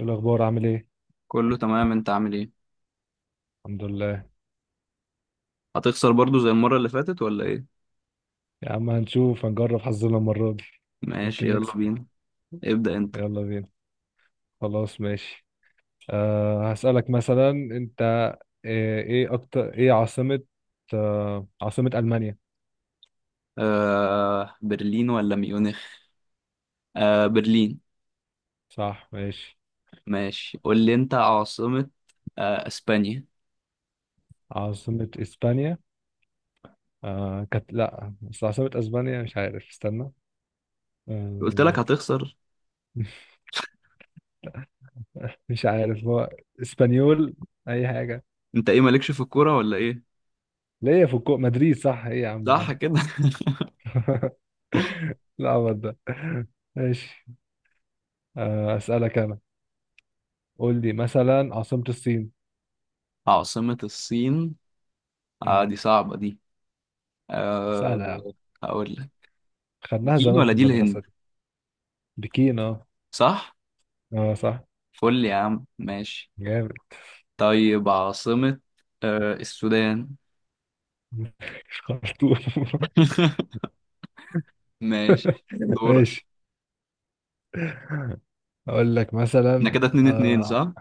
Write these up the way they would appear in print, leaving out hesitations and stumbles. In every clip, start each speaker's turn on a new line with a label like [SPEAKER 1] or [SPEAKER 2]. [SPEAKER 1] إيه الأخبار؟ عامل إيه؟
[SPEAKER 2] كله تمام. انت عامل ايه؟
[SPEAKER 1] الحمد لله.
[SPEAKER 2] هتخسر برضو زي المرة اللي فاتت ولا ايه؟
[SPEAKER 1] يا عم هنشوف، هنجرب حظنا المرة دي. يمكن
[SPEAKER 2] ماشي، يلا
[SPEAKER 1] نكسب.
[SPEAKER 2] بينا. ابدأ انت.
[SPEAKER 1] يلا بينا. خلاص ماشي. هسألك مثلا. أنت إيه أكتر، إيه عاصمة؟ عاصمة ألمانيا.
[SPEAKER 2] برلين ولا ميونخ؟ برلين.
[SPEAKER 1] صح، ماشي.
[SPEAKER 2] ماشي، قول لي انت عاصمة. اسبانيا.
[SPEAKER 1] عاصمة إسبانيا؟ كانت لأ، بس عاصمة أسبانيا مش عارف، استنى.
[SPEAKER 2] قلت لك
[SPEAKER 1] أه
[SPEAKER 2] هتخسر.
[SPEAKER 1] مش عارف هو. إسبانيول. أي حاجة.
[SPEAKER 2] انت ايه مالكش في الكورة ولا ايه؟
[SPEAKER 1] ليه؟ في مدريد صح. إيه يا عم
[SPEAKER 2] صح
[SPEAKER 1] ده؟
[SPEAKER 2] كده.
[SPEAKER 1] لا ده ماشي. أسألك أنا. قول لي مثلا عاصمة الصين.
[SPEAKER 2] عاصمة الصين.
[SPEAKER 1] مم.
[SPEAKER 2] دي صعبة دي. آه
[SPEAKER 1] سهلة يا عم،
[SPEAKER 2] هقول لك
[SPEAKER 1] خدناها
[SPEAKER 2] بكين
[SPEAKER 1] زمان
[SPEAKER 2] ولا
[SPEAKER 1] في
[SPEAKER 2] دي
[SPEAKER 1] المدرسة
[SPEAKER 2] الهند؟
[SPEAKER 1] دي. بكين. اه.
[SPEAKER 2] صح.
[SPEAKER 1] اه صح.
[SPEAKER 2] فل يا عم، ماشي.
[SPEAKER 1] جامد.
[SPEAKER 2] طيب عاصمة. السودان.
[SPEAKER 1] مش خرطوم؟
[SPEAKER 2] ماشي. دورك.
[SPEAKER 1] ماشي. أقول لك
[SPEAKER 2] احنا
[SPEAKER 1] مثلا.
[SPEAKER 2] كده اتنين اتنين
[SPEAKER 1] اه
[SPEAKER 2] صح؟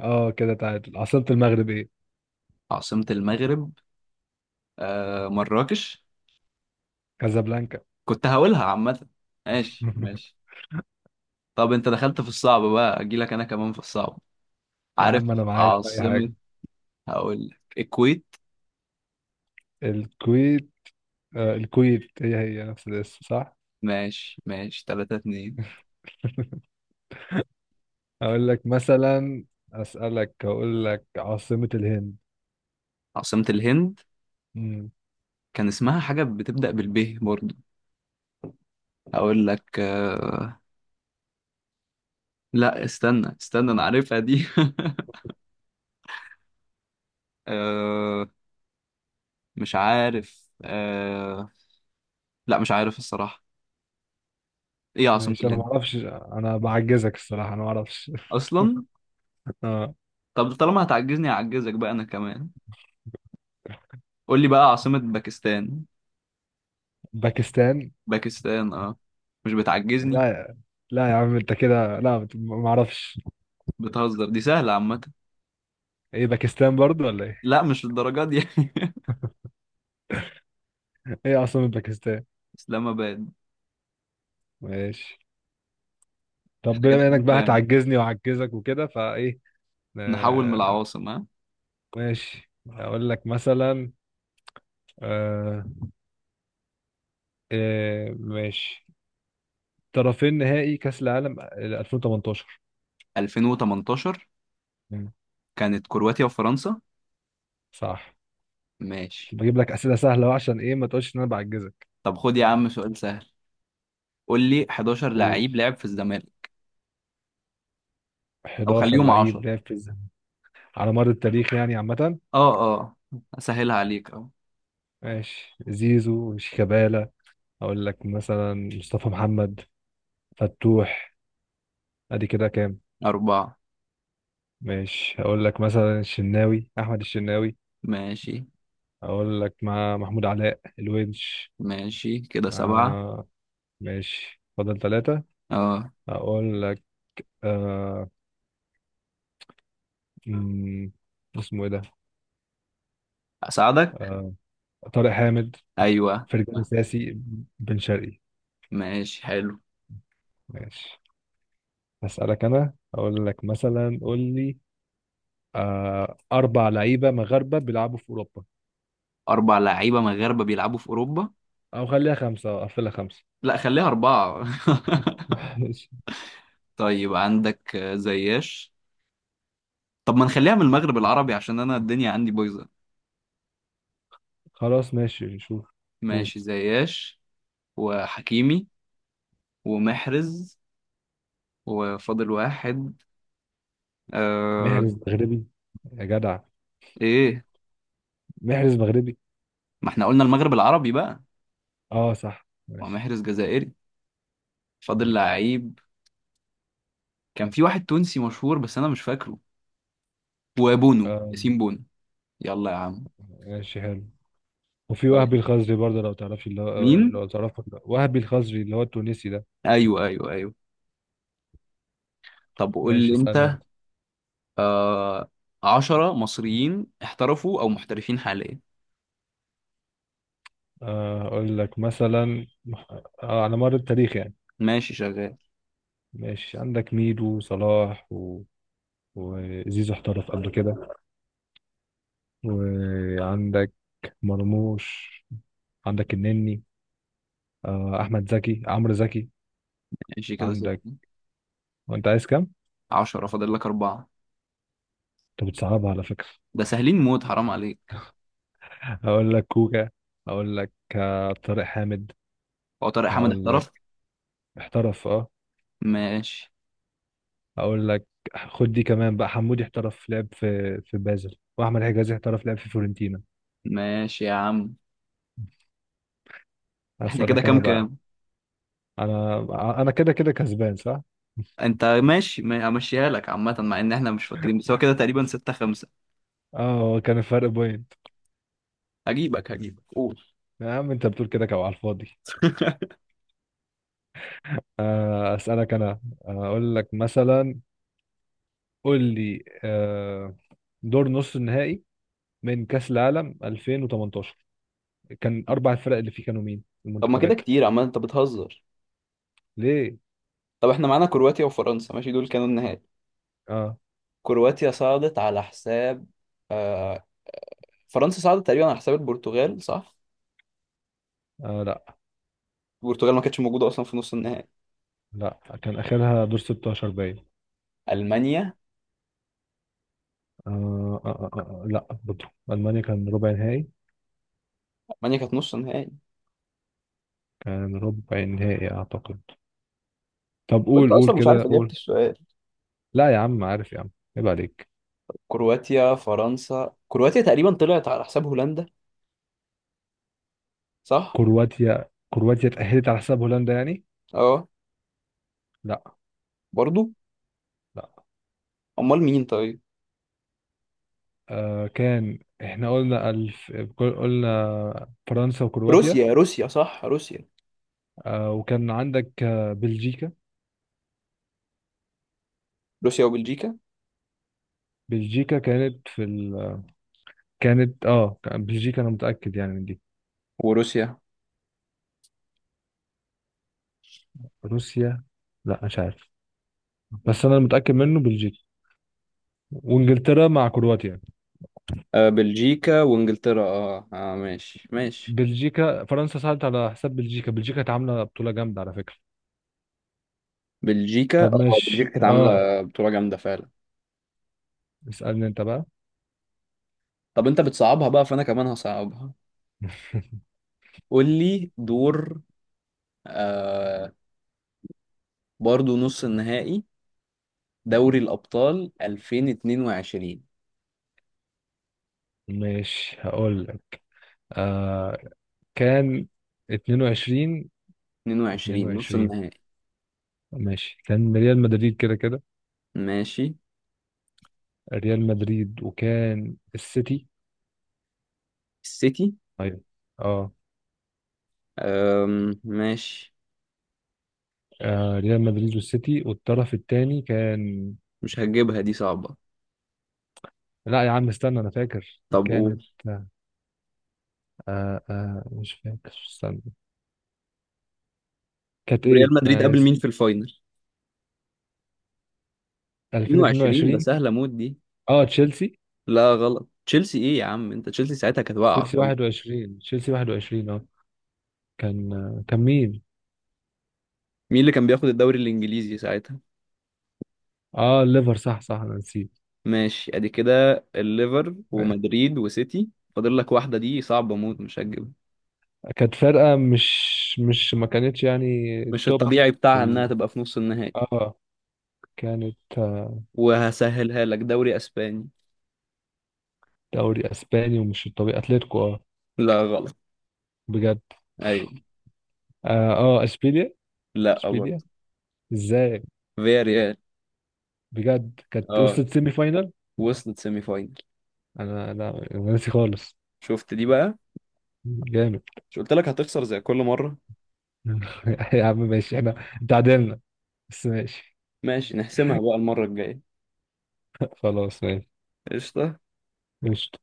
[SPEAKER 1] اه كده تعادل. عاصمة المغرب ايه؟
[SPEAKER 2] عاصمة المغرب. مراكش.
[SPEAKER 1] كازابلانكا.
[SPEAKER 2] كنت هقولها عامة. ماشي ماشي. طب انت دخلت في الصعب بقى، اجيلك انا كمان في الصعب.
[SPEAKER 1] يا
[SPEAKER 2] عارف
[SPEAKER 1] عم أنا معاك في أي
[SPEAKER 2] عاصمة،
[SPEAKER 1] حاجة.
[SPEAKER 2] هقول لك الكويت.
[SPEAKER 1] الكويت. آه الكويت، هي هي نفس الاسم صح؟
[SPEAKER 2] ماشي ماشي. تلاتة اتنين.
[SPEAKER 1] أقول لك مثلا، أسألك، أقول لك عاصمة الهند.
[SPEAKER 2] عاصمة الهند. كان اسمها حاجة بتبدأ بالب برضو. هقول لك لا استنى استنى، انا عارفها دي. آه... مش عارف. لا مش عارف الصراحة. ايه عاصمة
[SPEAKER 1] ماشي، انا ما
[SPEAKER 2] الهند
[SPEAKER 1] اعرفش. انا بعجزك الصراحه، انا ما اعرفش.
[SPEAKER 2] اصلا.
[SPEAKER 1] آه.
[SPEAKER 2] طب طالما هتعجزني هعجزك بقى انا كمان. قول لي بقى عاصمة باكستان.
[SPEAKER 1] باكستان؟
[SPEAKER 2] باكستان اه. مش بتعجزني.
[SPEAKER 1] لا يا- لا يا عم، انت كده لا، ما اعرفش.
[SPEAKER 2] بتهزر، دي سهلة عامة.
[SPEAKER 1] ايه باكستان برضو ولا ايه؟
[SPEAKER 2] لا مش الدرجات دي.
[SPEAKER 1] ايه اصلا باكستان.
[SPEAKER 2] اسلام اباد.
[SPEAKER 1] ماشي.
[SPEAKER 2] احنا
[SPEAKER 1] طب
[SPEAKER 2] كده
[SPEAKER 1] بما انك
[SPEAKER 2] كام
[SPEAKER 1] بقى
[SPEAKER 2] كام؟
[SPEAKER 1] هتعجزني وعجزك وكده، فايه؟
[SPEAKER 2] نحول من
[SPEAKER 1] آه
[SPEAKER 2] العواصم ها.
[SPEAKER 1] ماشي. اقول لك مثلا. آه إيه ماشي. طرفين نهائي كاس العالم 2018.
[SPEAKER 2] 2018
[SPEAKER 1] مم.
[SPEAKER 2] كانت كرواتيا وفرنسا.
[SPEAKER 1] صح.
[SPEAKER 2] ماشي.
[SPEAKER 1] بجيب لك اسئله سهله أهو، عشان ايه ما تقولش ان انا بعجزك.
[SPEAKER 2] طب خد يا عم سؤال سهل. قول لي 11
[SPEAKER 1] قول،
[SPEAKER 2] لعيب لعب في الزمالك، او
[SPEAKER 1] 11
[SPEAKER 2] خليهم 10.
[SPEAKER 1] لعيب لعب في، على مر التاريخ يعني عامة.
[SPEAKER 2] اه اه، اسهلها عليك، اه.
[SPEAKER 1] ماشي، زيزو، شيكابالا، أقول لك مثلا مصطفى محمد، فتوح. أدي كده كام؟
[SPEAKER 2] أربعة.
[SPEAKER 1] ماشي، أقول لك مثلا الشناوي، أحمد الشناوي.
[SPEAKER 2] ماشي.
[SPEAKER 1] أقول لك مع محمود علاء، الونش.
[SPEAKER 2] ماشي كده سبعة.
[SPEAKER 1] آه. ماشي، فضل ثلاثة.
[SPEAKER 2] اه،
[SPEAKER 1] أقول لك. آه مم، اسمه إيه ده؟
[SPEAKER 2] اساعدك.
[SPEAKER 1] آه، طارق حامد.
[SPEAKER 2] ايوه.
[SPEAKER 1] فرجاني ساسي. بن شرقي.
[SPEAKER 2] ماشي حلو.
[SPEAKER 1] ماشي. هسألك أنا، أقول لك مثلا، قول لي، أربع لعيبة مغاربة بيلعبوا في أوروبا.
[SPEAKER 2] أربع لعيبة مغاربة بيلعبوا في أوروبا.
[SPEAKER 1] أو خليها خمسة، أو قفلها خمسة.
[SPEAKER 2] لا خليها أربعة.
[SPEAKER 1] ماشي.
[SPEAKER 2] طيب، عندك زياش. طب ما نخليها من المغرب العربي عشان أنا الدنيا عندي بايظة.
[SPEAKER 1] خلاص ماشي، شوف. قول.
[SPEAKER 2] ماشي، زياش وحكيمي ومحرز، وفاضل واحد. آه
[SPEAKER 1] محرز مغربي؟ يا جدع،
[SPEAKER 2] إيه؟
[SPEAKER 1] محرز مغربي؟
[SPEAKER 2] ما احنا قلنا المغرب العربي بقى.
[SPEAKER 1] اه صح، ماشي
[SPEAKER 2] ومحرز جزائري. فاضل
[SPEAKER 1] ماشي.
[SPEAKER 2] لعيب. كان في واحد تونسي مشهور بس أنا مش فاكره. وبونو،
[SPEAKER 1] آه،
[SPEAKER 2] ياسين بونو. يلا يا عم.
[SPEAKER 1] ماشي حلو. وفي وهبي
[SPEAKER 2] طيب
[SPEAKER 1] الخزري برضه، لو تعرفش اللي هو،
[SPEAKER 2] مين؟
[SPEAKER 1] لو تعرفه ولا لأ. وهبي الخزري اللي هو التونسي ده.
[SPEAKER 2] أيوه أيوه أيوه. طب قول
[SPEAKER 1] ماشي،
[SPEAKER 2] لي
[SPEAKER 1] اسألني
[SPEAKER 2] أنت.
[SPEAKER 1] انت.
[SPEAKER 2] آه عشرة مصريين احترفوا أو محترفين حاليا.
[SPEAKER 1] اقول لك مثلا. على مر التاريخ يعني.
[SPEAKER 2] ماشي شغال.
[SPEAKER 1] ماشي، عندك ميدو، وصلاح، و... وزيزو احترف قبل كده. وعندك مرموش. عندك النني. احمد زكي، عمرو زكي.
[SPEAKER 2] ماشي كده ستة.
[SPEAKER 1] عندك. وانت عايز كام؟
[SPEAKER 2] عشرة، فاضل لك أربعة.
[SPEAKER 1] انت بتصعبها على فكره.
[SPEAKER 2] ده سهلين موت، حرام عليك.
[SPEAKER 1] هقول لك كوكا. هقول لك، طارق حامد.
[SPEAKER 2] هو طارق حامد
[SPEAKER 1] هقول لك.
[SPEAKER 2] احترف؟
[SPEAKER 1] احترف اه.
[SPEAKER 2] ماشي
[SPEAKER 1] هقول لك. خد دي كمان بقى، حمودي احترف، لعب في بازل. واحمد حجازي احترف، لعب في فيورنتينا.
[SPEAKER 2] ماشي يا عم. احنا كده
[SPEAKER 1] هسألك
[SPEAKER 2] كام
[SPEAKER 1] انا بقى.
[SPEAKER 2] كام؟
[SPEAKER 1] انا انا كده كده كسبان صح.
[SPEAKER 2] انت ماشي، همشيها لك عامة مع ان احنا مش فاكرين، بس هو كده تقريبا ستة خمسة.
[SPEAKER 1] اه هو كان الفرق بوينت.
[SPEAKER 2] هجيبك هجيبك، قول.
[SPEAKER 1] يا عم انت بتقول كده كده على الفاضي. اسالك انا، اقول لك مثلا. قول لي، دور نص النهائي من كأس العالم 2018، كان أربع الفرق اللي فيه كانوا مين؟
[SPEAKER 2] طب ما كده
[SPEAKER 1] المنتخبات.
[SPEAKER 2] كتير، عمال انت بتهزر.
[SPEAKER 1] ليه؟
[SPEAKER 2] طب احنا معانا كرواتيا وفرنسا، ماشي دول كانوا النهائي.
[SPEAKER 1] آه.
[SPEAKER 2] كرواتيا صعدت على حساب آه... فرنسا صعدت تقريبا على حساب البرتغال صح؟
[SPEAKER 1] آه لا،
[SPEAKER 2] البرتغال ما كانتش موجوده اصلا في نص النهائي.
[SPEAKER 1] لا كان آخرها دور 16 باين.
[SPEAKER 2] المانيا.
[SPEAKER 1] لا برضه ألمانيا كان ربع نهائي.
[SPEAKER 2] المانيا كانت نص نهائي.
[SPEAKER 1] كان ربع نهائي أعتقد. طب
[SPEAKER 2] وانت
[SPEAKER 1] قول، قول
[SPEAKER 2] اصلا مش
[SPEAKER 1] كده،
[SPEAKER 2] عارف اجابه
[SPEAKER 1] قول.
[SPEAKER 2] السؤال.
[SPEAKER 1] لا يا عم عارف يا عم، عيب عليك.
[SPEAKER 2] كرواتيا فرنسا، كرواتيا تقريبا طلعت على حساب هولندا صح؟
[SPEAKER 1] كرواتيا، اتأهلت على حساب هولندا يعني؟
[SPEAKER 2] اه
[SPEAKER 1] لا.
[SPEAKER 2] برضو.
[SPEAKER 1] لا.
[SPEAKER 2] امال مين طيب؟
[SPEAKER 1] آه، كان احنا قلنا قلنا فرنسا وكرواتيا.
[SPEAKER 2] روسيا روسيا صح، روسيا.
[SPEAKER 1] وكان عندك، بلجيكا.
[SPEAKER 2] روسيا وبلجيكا.
[SPEAKER 1] بلجيكا كانت في كانت اه، بلجيكا انا متأكد يعني من دي.
[SPEAKER 2] وروسيا.
[SPEAKER 1] روسيا؟ لا مش عارف، بس انا متأكد منه بلجيكا وانجلترا مع كرواتيا يعني.
[SPEAKER 2] آه بلجيكا وانجلترا. اه اه، ماشي ماشي.
[SPEAKER 1] بلجيكا، فرنسا ساعدت على حساب بلجيكا. بلجيكا كانت عاملة بطولة جامدة على فكرة.
[SPEAKER 2] بلجيكا
[SPEAKER 1] طب
[SPEAKER 2] اه، بلجيكا
[SPEAKER 1] ماشي
[SPEAKER 2] كانت
[SPEAKER 1] اه،
[SPEAKER 2] عامله بطوله جامده فعلا.
[SPEAKER 1] اسألني انت بقى.
[SPEAKER 2] طب انت بتصعبها بقى فانا كمان هصعبها. قول لي دور آه برضو نص النهائي. دوري الأبطال 2022.
[SPEAKER 1] ماشي، هقول لك. آه كان 22،
[SPEAKER 2] 22 نص
[SPEAKER 1] 22
[SPEAKER 2] النهائي.
[SPEAKER 1] ماشي. كان ريال مدريد كده كده.
[SPEAKER 2] ماشي
[SPEAKER 1] ريال مدريد، وكان السيتي.
[SPEAKER 2] السيتي.
[SPEAKER 1] ايوه. اه.
[SPEAKER 2] ماشي.
[SPEAKER 1] ريال مدريد والسيتي، والطرف الثاني كان.
[SPEAKER 2] مش هتجيبها دي صعبة.
[SPEAKER 1] لا يا عم استنى، انا فاكر
[SPEAKER 2] طب
[SPEAKER 1] كانت،
[SPEAKER 2] قول.
[SPEAKER 1] مش فاكر، استنى. كانت
[SPEAKER 2] ريال
[SPEAKER 1] ايه؟
[SPEAKER 2] مدريد
[SPEAKER 1] انا
[SPEAKER 2] قابل
[SPEAKER 1] ناسي.
[SPEAKER 2] مين في الفاينل 22؟ ده
[SPEAKER 1] 2022.
[SPEAKER 2] سهلة موت دي.
[SPEAKER 1] اه تشيلسي.
[SPEAKER 2] لا غلط. تشيلسي ايه يا عم انت؟ تشيلسي ساعتها كانت واقعة
[SPEAKER 1] تشيلسي
[SPEAKER 2] خالص.
[SPEAKER 1] 21، تشيلسي 21 اه. كان، كان مين؟
[SPEAKER 2] مين اللي كان بياخد الدوري الإنجليزي ساعتها؟
[SPEAKER 1] اه الليفر. صح صح، انا نسيت.
[SPEAKER 2] ماشي، ادي كده الليفر ومدريد وسيتي. فاضل لك واحدة، دي صعبة موت مش هتجيبها.
[SPEAKER 1] كانت فرقة مش ما كانتش يعني
[SPEAKER 2] مش
[SPEAKER 1] توب
[SPEAKER 2] الطبيعي
[SPEAKER 1] في
[SPEAKER 2] بتاعها انها تبقى في نص النهائي.
[SPEAKER 1] اه كانت،
[SPEAKER 2] وهسهلها لك، دوري اسباني.
[SPEAKER 1] دوري اسباني. ومش الطبيعي اتلتيكو اه.
[SPEAKER 2] لا غلط.
[SPEAKER 1] بجد.
[SPEAKER 2] أيوة.
[SPEAKER 1] اه, اشبيليا.
[SPEAKER 2] لا برضه.
[SPEAKER 1] اشبيليا؟ ازاي؟
[SPEAKER 2] فيا ريال.
[SPEAKER 1] بجد، كانت
[SPEAKER 2] اه،
[SPEAKER 1] وصلت سيمي فاينال؟
[SPEAKER 2] وصلت سيمي فاينل.
[SPEAKER 1] انا لا، أنا ناسي خالص.
[SPEAKER 2] شفت دي بقى.
[SPEAKER 1] جامد.
[SPEAKER 2] مش قلت لك هتخسر زي كل مرة؟
[SPEAKER 1] يا عم ماشي، احنا تعادلنا بس ماشي.
[SPEAKER 2] ماشي نحسمها بقى المرة الجاية.
[SPEAKER 1] خلاص ماشي.
[SPEAKER 2] قشطة.
[SPEAKER 1] ماشي.